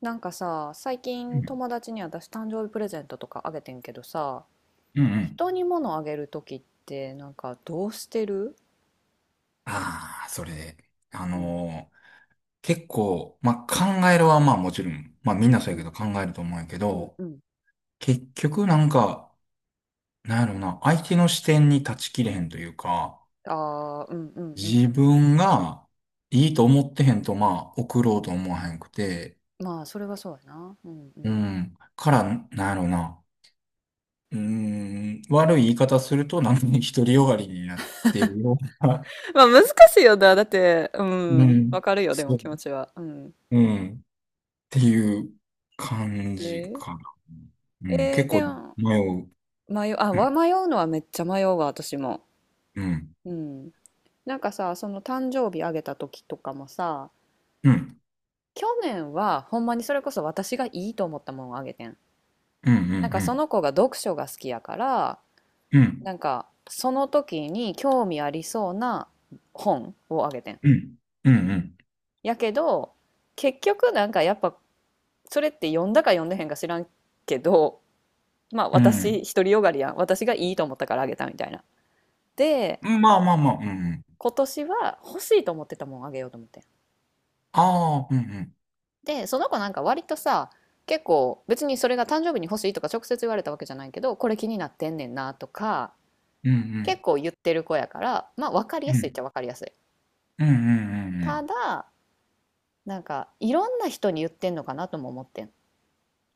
なんかさ、最う近ん友達に私誕生日プレゼントとかあげてんけどさ、うんうん。人に物あげるときってなんかどうしてる？ああ、それで、あうんのー結構、まあ、考えるはまあもちろん、まあみうんなんそうやうけんど考えると思うんやけうんど、うん。結局なんか、なんやろな、相手の視点に立ちきれへんというか、ああ、うんうんうん。自分がいいと思ってへんとまあ送ろうと思わへんくて、まあ、それはそうやな。うんううん。 ん、から、なんやろな、うーん、悪い言い方するとなんか独りよがりになってるような、まあ、難しいよな。だって、う うん。わん、かるよ、でもそう、気持ちは。うん。うん。ていう感じえかな。うん、え結ー構でも、迷う。迷う、うん、迷うのはめっちゃ迷うわ、私も。うん、うん。なんかさ、その誕生日あげたときとかもさ、うん、去年はほんまにそれこそ私がいいと思ったものをあげてん。うん、うん、なんかうそん、の子が読書が好きやから、うん、なんかその時に興味ありそうな本をあげてん。うん、うん、やけど、結局なんかやっぱそれって読んだか読んでへんか知らんけど、まあうん、私独りよがりやん。私がいいと思ったからあげたみたいな。で、うんまあまあまあ、うん、うん。今年は欲しいと思ってたもんあげようと思ってん。ああ、うん、うん、で、その子なんか割とさ、結構別にそれが誕生日に欲しいとか直接言われたわけじゃないけど、これ気になってんねんなとか、う結ん、構言ってる子やから、まあ分かりうやすいっん、ちゃ分かりやすい。うん、うん、うん、うたん。だ、なんかいろんな人に言ってんのかなとも思ってん。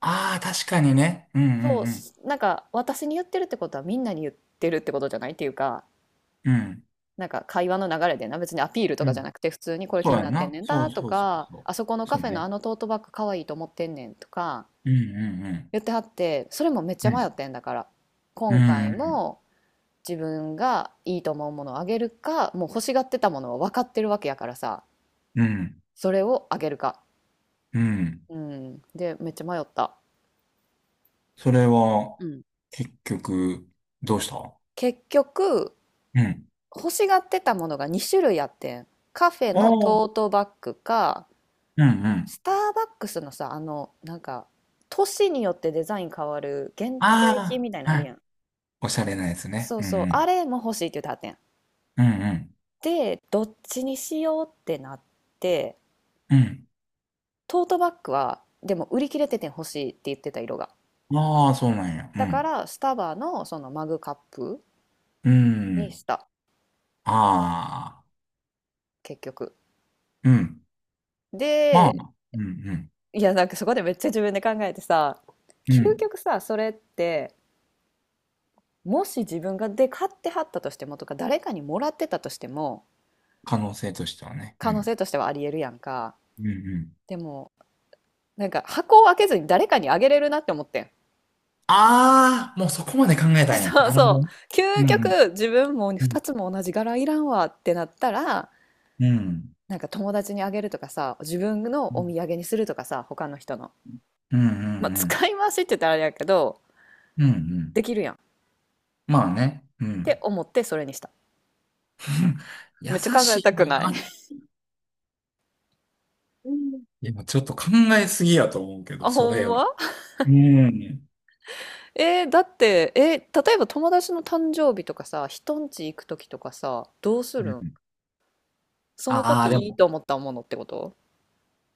ああ、確かにね。うん、うそん、う、なんか私に言ってるってことはみんなに言ってるってことじゃないっていうか、うん、うん、なんか会話の流れでな別にアピールとうかじゃん。なくて普通にこれそ気うにやなんってんな。ねんそだうとそうそうかそあそこのう。カそうフェのあね。のトートバッグかわいいと思ってんねんとかうん、うん、うん、言ってはって、それもめっちゃう迷ん、ってんだから、今回うも自分がいいと思うものをあげるか、もう欲しがってたものは分かってるわけやからさ、ん、うん、うん。それをあげるか、うんうんで、めっちゃ迷った。それは、うん。結局、どうした？結局うん。欲しがってたものが2種類あってん。カフェあのあ、トートバッグか、うんうん。スターバックスのさ、あのなんか年によってデザイン変わる限定品あみたいなあ、のあはるやい。ん。おしゃれなやつね。そううんそう、うあん。れも欲しいって言ってはってん。うんで、どっちにしようってなって、うん。トートバッグはでも売り切れてて、欲しいって言ってた色が。うん。ああ、そうなんや。うだかん。らスタバのそのマグカップうにしん。た、ああ、結局。うん。まあ、で、うんうん。いやなんかそこでめっちゃ自分で考えてさ、う究ん。極さ、それってもし自分がで買ってはったとしてもとか、誰かにもらってたとしても可能性としてはね。う可能ん。性としてはありえるやんか。うんうん。でもなんか箱を開けずに誰かにあげれるなって思ってん。ああ、もうそこまで考え たんや。そうなるほそど。う。うん究うん。極、自分もうん。2つも同じ柄いらんわってなったら、うん。なんか友達にあげるとかさ、自分うのお土ん産にするとかさ、他の人の。うんうまあ、ん。使い回しって言ったらあれやけど、うんうでん。きるやんっまあね。うてん。思ってそれにした。優めっちゃ考えしたいな。くない。 うんいや、ちょっと考えすぎやと思うけど、あ、そほれんより。ま？うん。だって、例えば友達の誕生日とかさ、人んち行く時とかさ、どうすうるん？んそのああ、時でいいも、と思ったものってこと？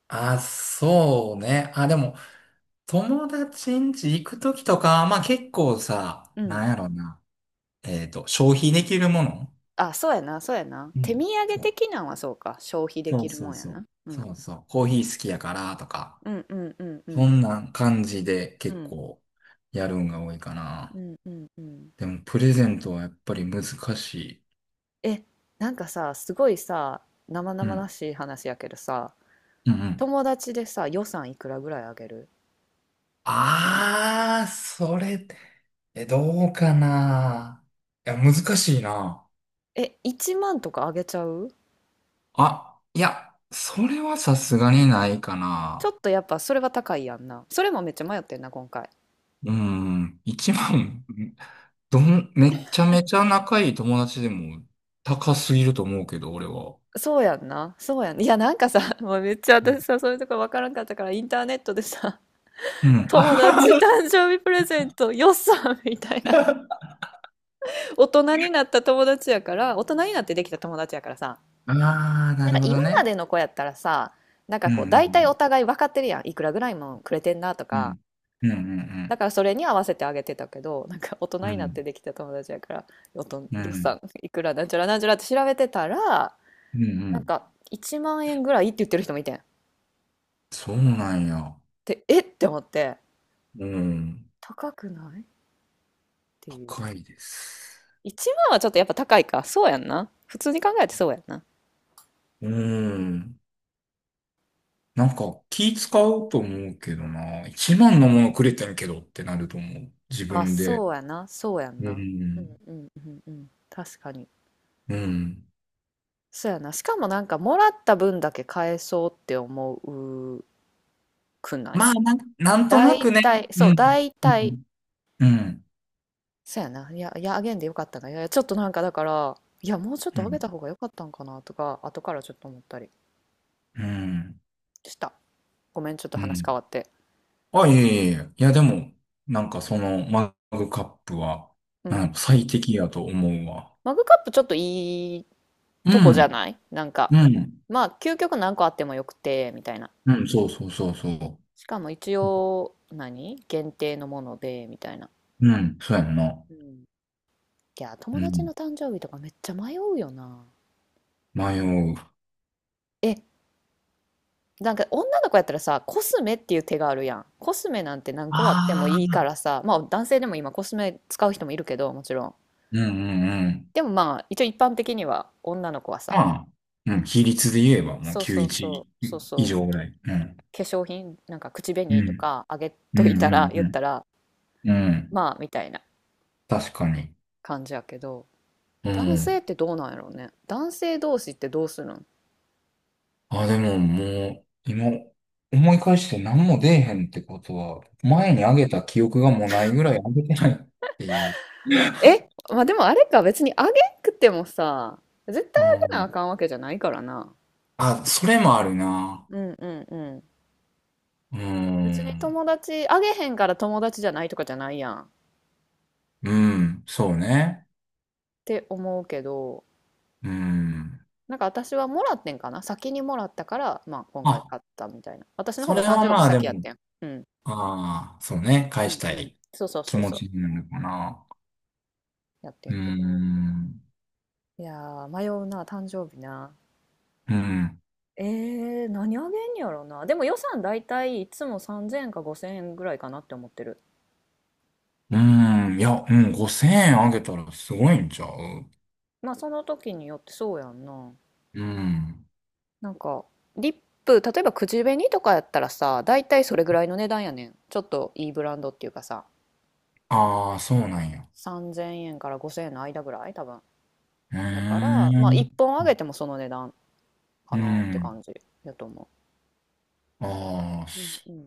あー、そうね。あー、でも、友達ん家行くときとか、まあ結構さ、うん。なんやろな。えっと、消費できるものあ、そうやな、そうやな。う手ん。土産そう的なんはそうか。消費でそきうるそもうんやそな。うう。そん。うそう。コーヒー好きやからとか、うんうんうんうそんんな感じでう結ん構やるんが多いかうな。んうんうん。でも、プレゼントはやっぱり難しい。えなんかさ、すごいさ、生う々ん。しい話やけどさ、うんうん。友達でさ、予算いくらぐらいあげる？ああ、それ、え、どうかな。いや、難しいな。え、1万とかあげちゃう？あ、いや、それはさすがにないかちょな。っとやっぱそれは高いやんな。それもめっちゃ迷ってんな今回。うん、一万、めちゃめちゃ仲いい友達でも高すぎると思うけど、俺は。そうやんな、そうやんな。いやなんかさ、 もうめっちゃ私さ、そういうとこわからんかったからインターネットでさ、 う ん。友あ、達誕生日プレゼント予算みたいな、大人になった友達やから、大人になってできた友達やからさ、あー、ななんるかほど今ね。までの子やったらさ、なんかうこう大体ん、お互い分かってるやん。いくらぐらいもくれてんなとうか。ん、うん、うん、うだかん、らそれに合わせてあげてたけど、なんか大人うになってん、できた友達やから、うん、う予ん、算いくらなんちゃらなんちゃらって調べてたら、うん、うなんんか1万円ぐらいって言ってる人もいてん。そうなんや。で、えって思って、うん、高くないっていう。高いです。1万はちょっとやっぱ高いか。そうやんな。普通に考えてそうやんな。うん。なんか気使うと思うけどな。一番のものくれてんけどってなると思う。自あ、分で。そうやな。そうやんうな。ん。うんうんうんうん。確かに。うん。そうやな。しかもなんかもらった分だけ返そうって思うくない？まあ、なんとな大くね。体、うそう、ん。大う体、ん。うん。そうやな。いや、いや、あげんでよかったな。いや、いやちょっとなんかだから、いや、もうちょっうとあげん。た方がよかったんかなとか、後からちょっと思ったりうん。した。ごめん、ちょっとう話変んわって。あ、いえいえいえ。いや、でも、なんかそのマグカップは、ううん。ん最適やと思うわ。マグカップちょっといいうとこじゃん。ない、なんうか、ん。まあ、究極何個あってもよくて、みたいな。うん。そうそうそうそしかも一応、何限定のもので、みたいな。う。うん。そうやんな。うん、いや、う友達ん。の誕生日とかめっちゃ迷うよな。迷う。え、なんか女の子やったらさ、コスメっていう手があるやん。コスメなんて何個あってもあいいあ。からさ、まあ男性でも今コスメ使う人もいるけど、もちろん。うんうんうん。でもまあ一応一般的には女の子はさ、まあ、うん、比率で言えばもうそうそうそう、そう91以そう、上ぐらい。うん。化粧品、なんか口う紅とん。かあげうとん、ういたら、言っん、たら、うん。うん。まあみたいな確かに。感じやけど、う男性ん。ってどうなんやろうね。男性同士ってどうするん？あ、でももう、今、思い返して何も出えへんってことは、うん。前にあげた記憶がもうないぐらいあげてないっていう。え、まあ、でもあれか、別にあげんくてもさ、絶対うあげなあん。かんわけじゃないからな。あ、それもあるな。うんうんうん。う別にん。友達、あげへんから友達じゃないとかじゃないやんっうん。そうね。て思うけど、うん。なんか私はもらってんかな、先にもらったから、まあ今回あ、買ったみたいな。私の方そがれ誕は生日まあで先やっも、てん。うん。ああ、そうね。う返しんたうん。いそうそう気そう持そちう。になるかな。やってうーんけど。ん。いやー、迷うな、誕生日な。うん。何あげんやろな。でも予算だいたいいつも3000円か5000円ぐらいかなって思ってる。うん。いや、うん。5000円あげたらすごいんちゃう？まあその時によって、そうやんな。うん。なんかリップ、例えば口紅とかやったらさ、大体それぐらいの値段やねん。ちょっといいブランドっていうかさ、ああ、そうなんや。3,000円から5,000円の間ぐらい多分。うーやからまあ1ん。本あげてもその値段かうなってん。感じやと思ああ、う。うんそうん、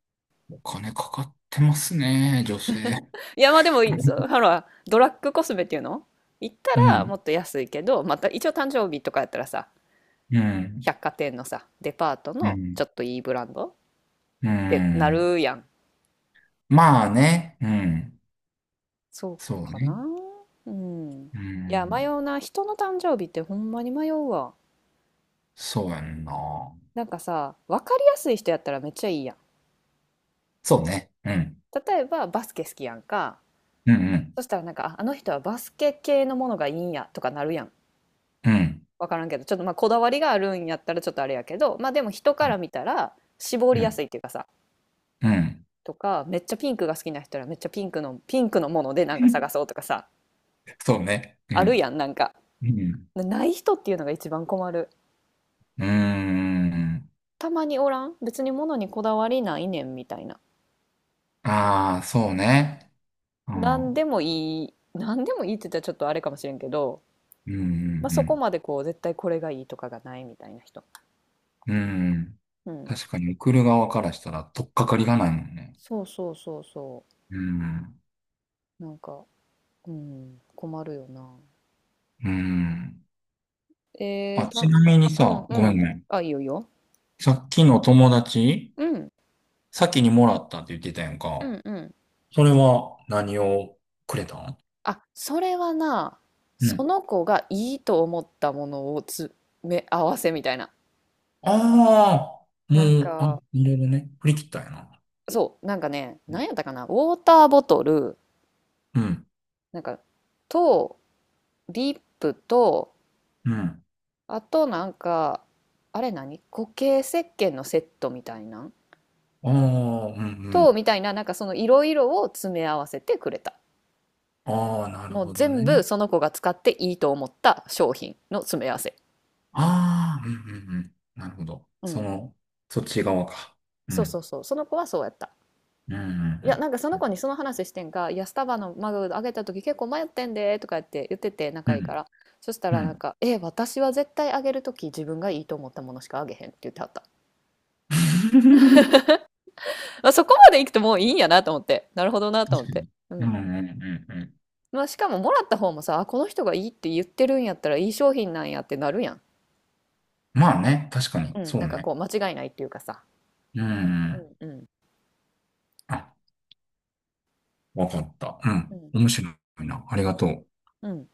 うお金かかってますね、女性。いやまあでもそう、ほらドラッグコスメっていうの行っうたらもん。っと安いけど、また一応誕生日とかやったらさ、うん。百貨店のさ、デパートうのん。ちょっといいブランドっうてなん。るやん。まあね。うん。そうそうかね。な。うん。ういや、迷ん。うな。人の誕生日ってほんまに迷うわ。そうやんな。なんかさ、わかりやすい人やったらめっちゃいいやん。そうね。うん。例えば、バスケ好きやんか。うんうん。そしたらなんか、ああの人はバスケ系のものがいいんやとかなるやん。うん。わからんけど、ちょっとまあこだわりがあるんやったらちょっとあれやけど、まあでも人から見たら絞りうやすいん。っていうかさ、うん。とか、めっちゃピンクが好きな人はめっちゃピンクの、ピンクのものでなんか探そうとかさ、そうね。うあるん。やん、なんか。うん。ない人っていうのが一番困る。うーん。たまにおらん別に物にこだわりないねんみたいな。ああ、そうね。うん。う何んでもいい、何でもいいって言ったらちょっとあれかもしれんけど、うまあ、そこんまでこう絶対これがいいとかがないみたいな人。うん。うん。うん。確かに送る側からしたら取っかかりがないもんね。そうそうそうそうん。う。なんか、うん、困るよな。うん。えー、あ、ちた、なみにうんさ、うごめんん。ごめん。あ、いいよいいよ。さっきの友達、うん、先にもらったって言ってたやんうか。んうん。それは何をくれたん？あ、それはな、うそん。の子がいいと思ったものを詰め合わせみたいな。ああ、なんもう、あ、か、いろいろね。振り切ったんやな。そう、なんかね、何やったかな、ウォーターボトル、うん。なんかと、リップと、うん。あとなんかあれ、何、固形石鹸のセットみたいなああ、うんうと、ん。みたいな、なんかそのいろいろを詰め合わせてくれた。ああ、なるもうほど全ね。部その子が使っていいと思った商品の詰め合わせ。ああ、うんうんうん。なるほど。うそん、の、そっち側か。うそうそうん。そう、その子はそうやった。うんういやんなんかその子にその話してんか、「いやスタバのマグあげた時結構迷ってんで」とか言って言ってて、う仲いいかん。ら。そしたうん。うらなんん。か、「え、私は絶対あげる時自分がいいと思ったものしかあげへん」って言ってはった。 まあ、そこまで行くともういいんやなと思って。なるほどなと確思っかて。に。ううん。んうんうんうん。まあ、しかももらった方もさ、あ、この人がいいって言ってるんやったらいい商品なんやってなるやん。まあね、確かに。うん。そなうんかね。こう、間違いないっていうかさ。うんうん。うんうん。あ、わかった。ううん。ん。面白いな。ありうがん。とう。うん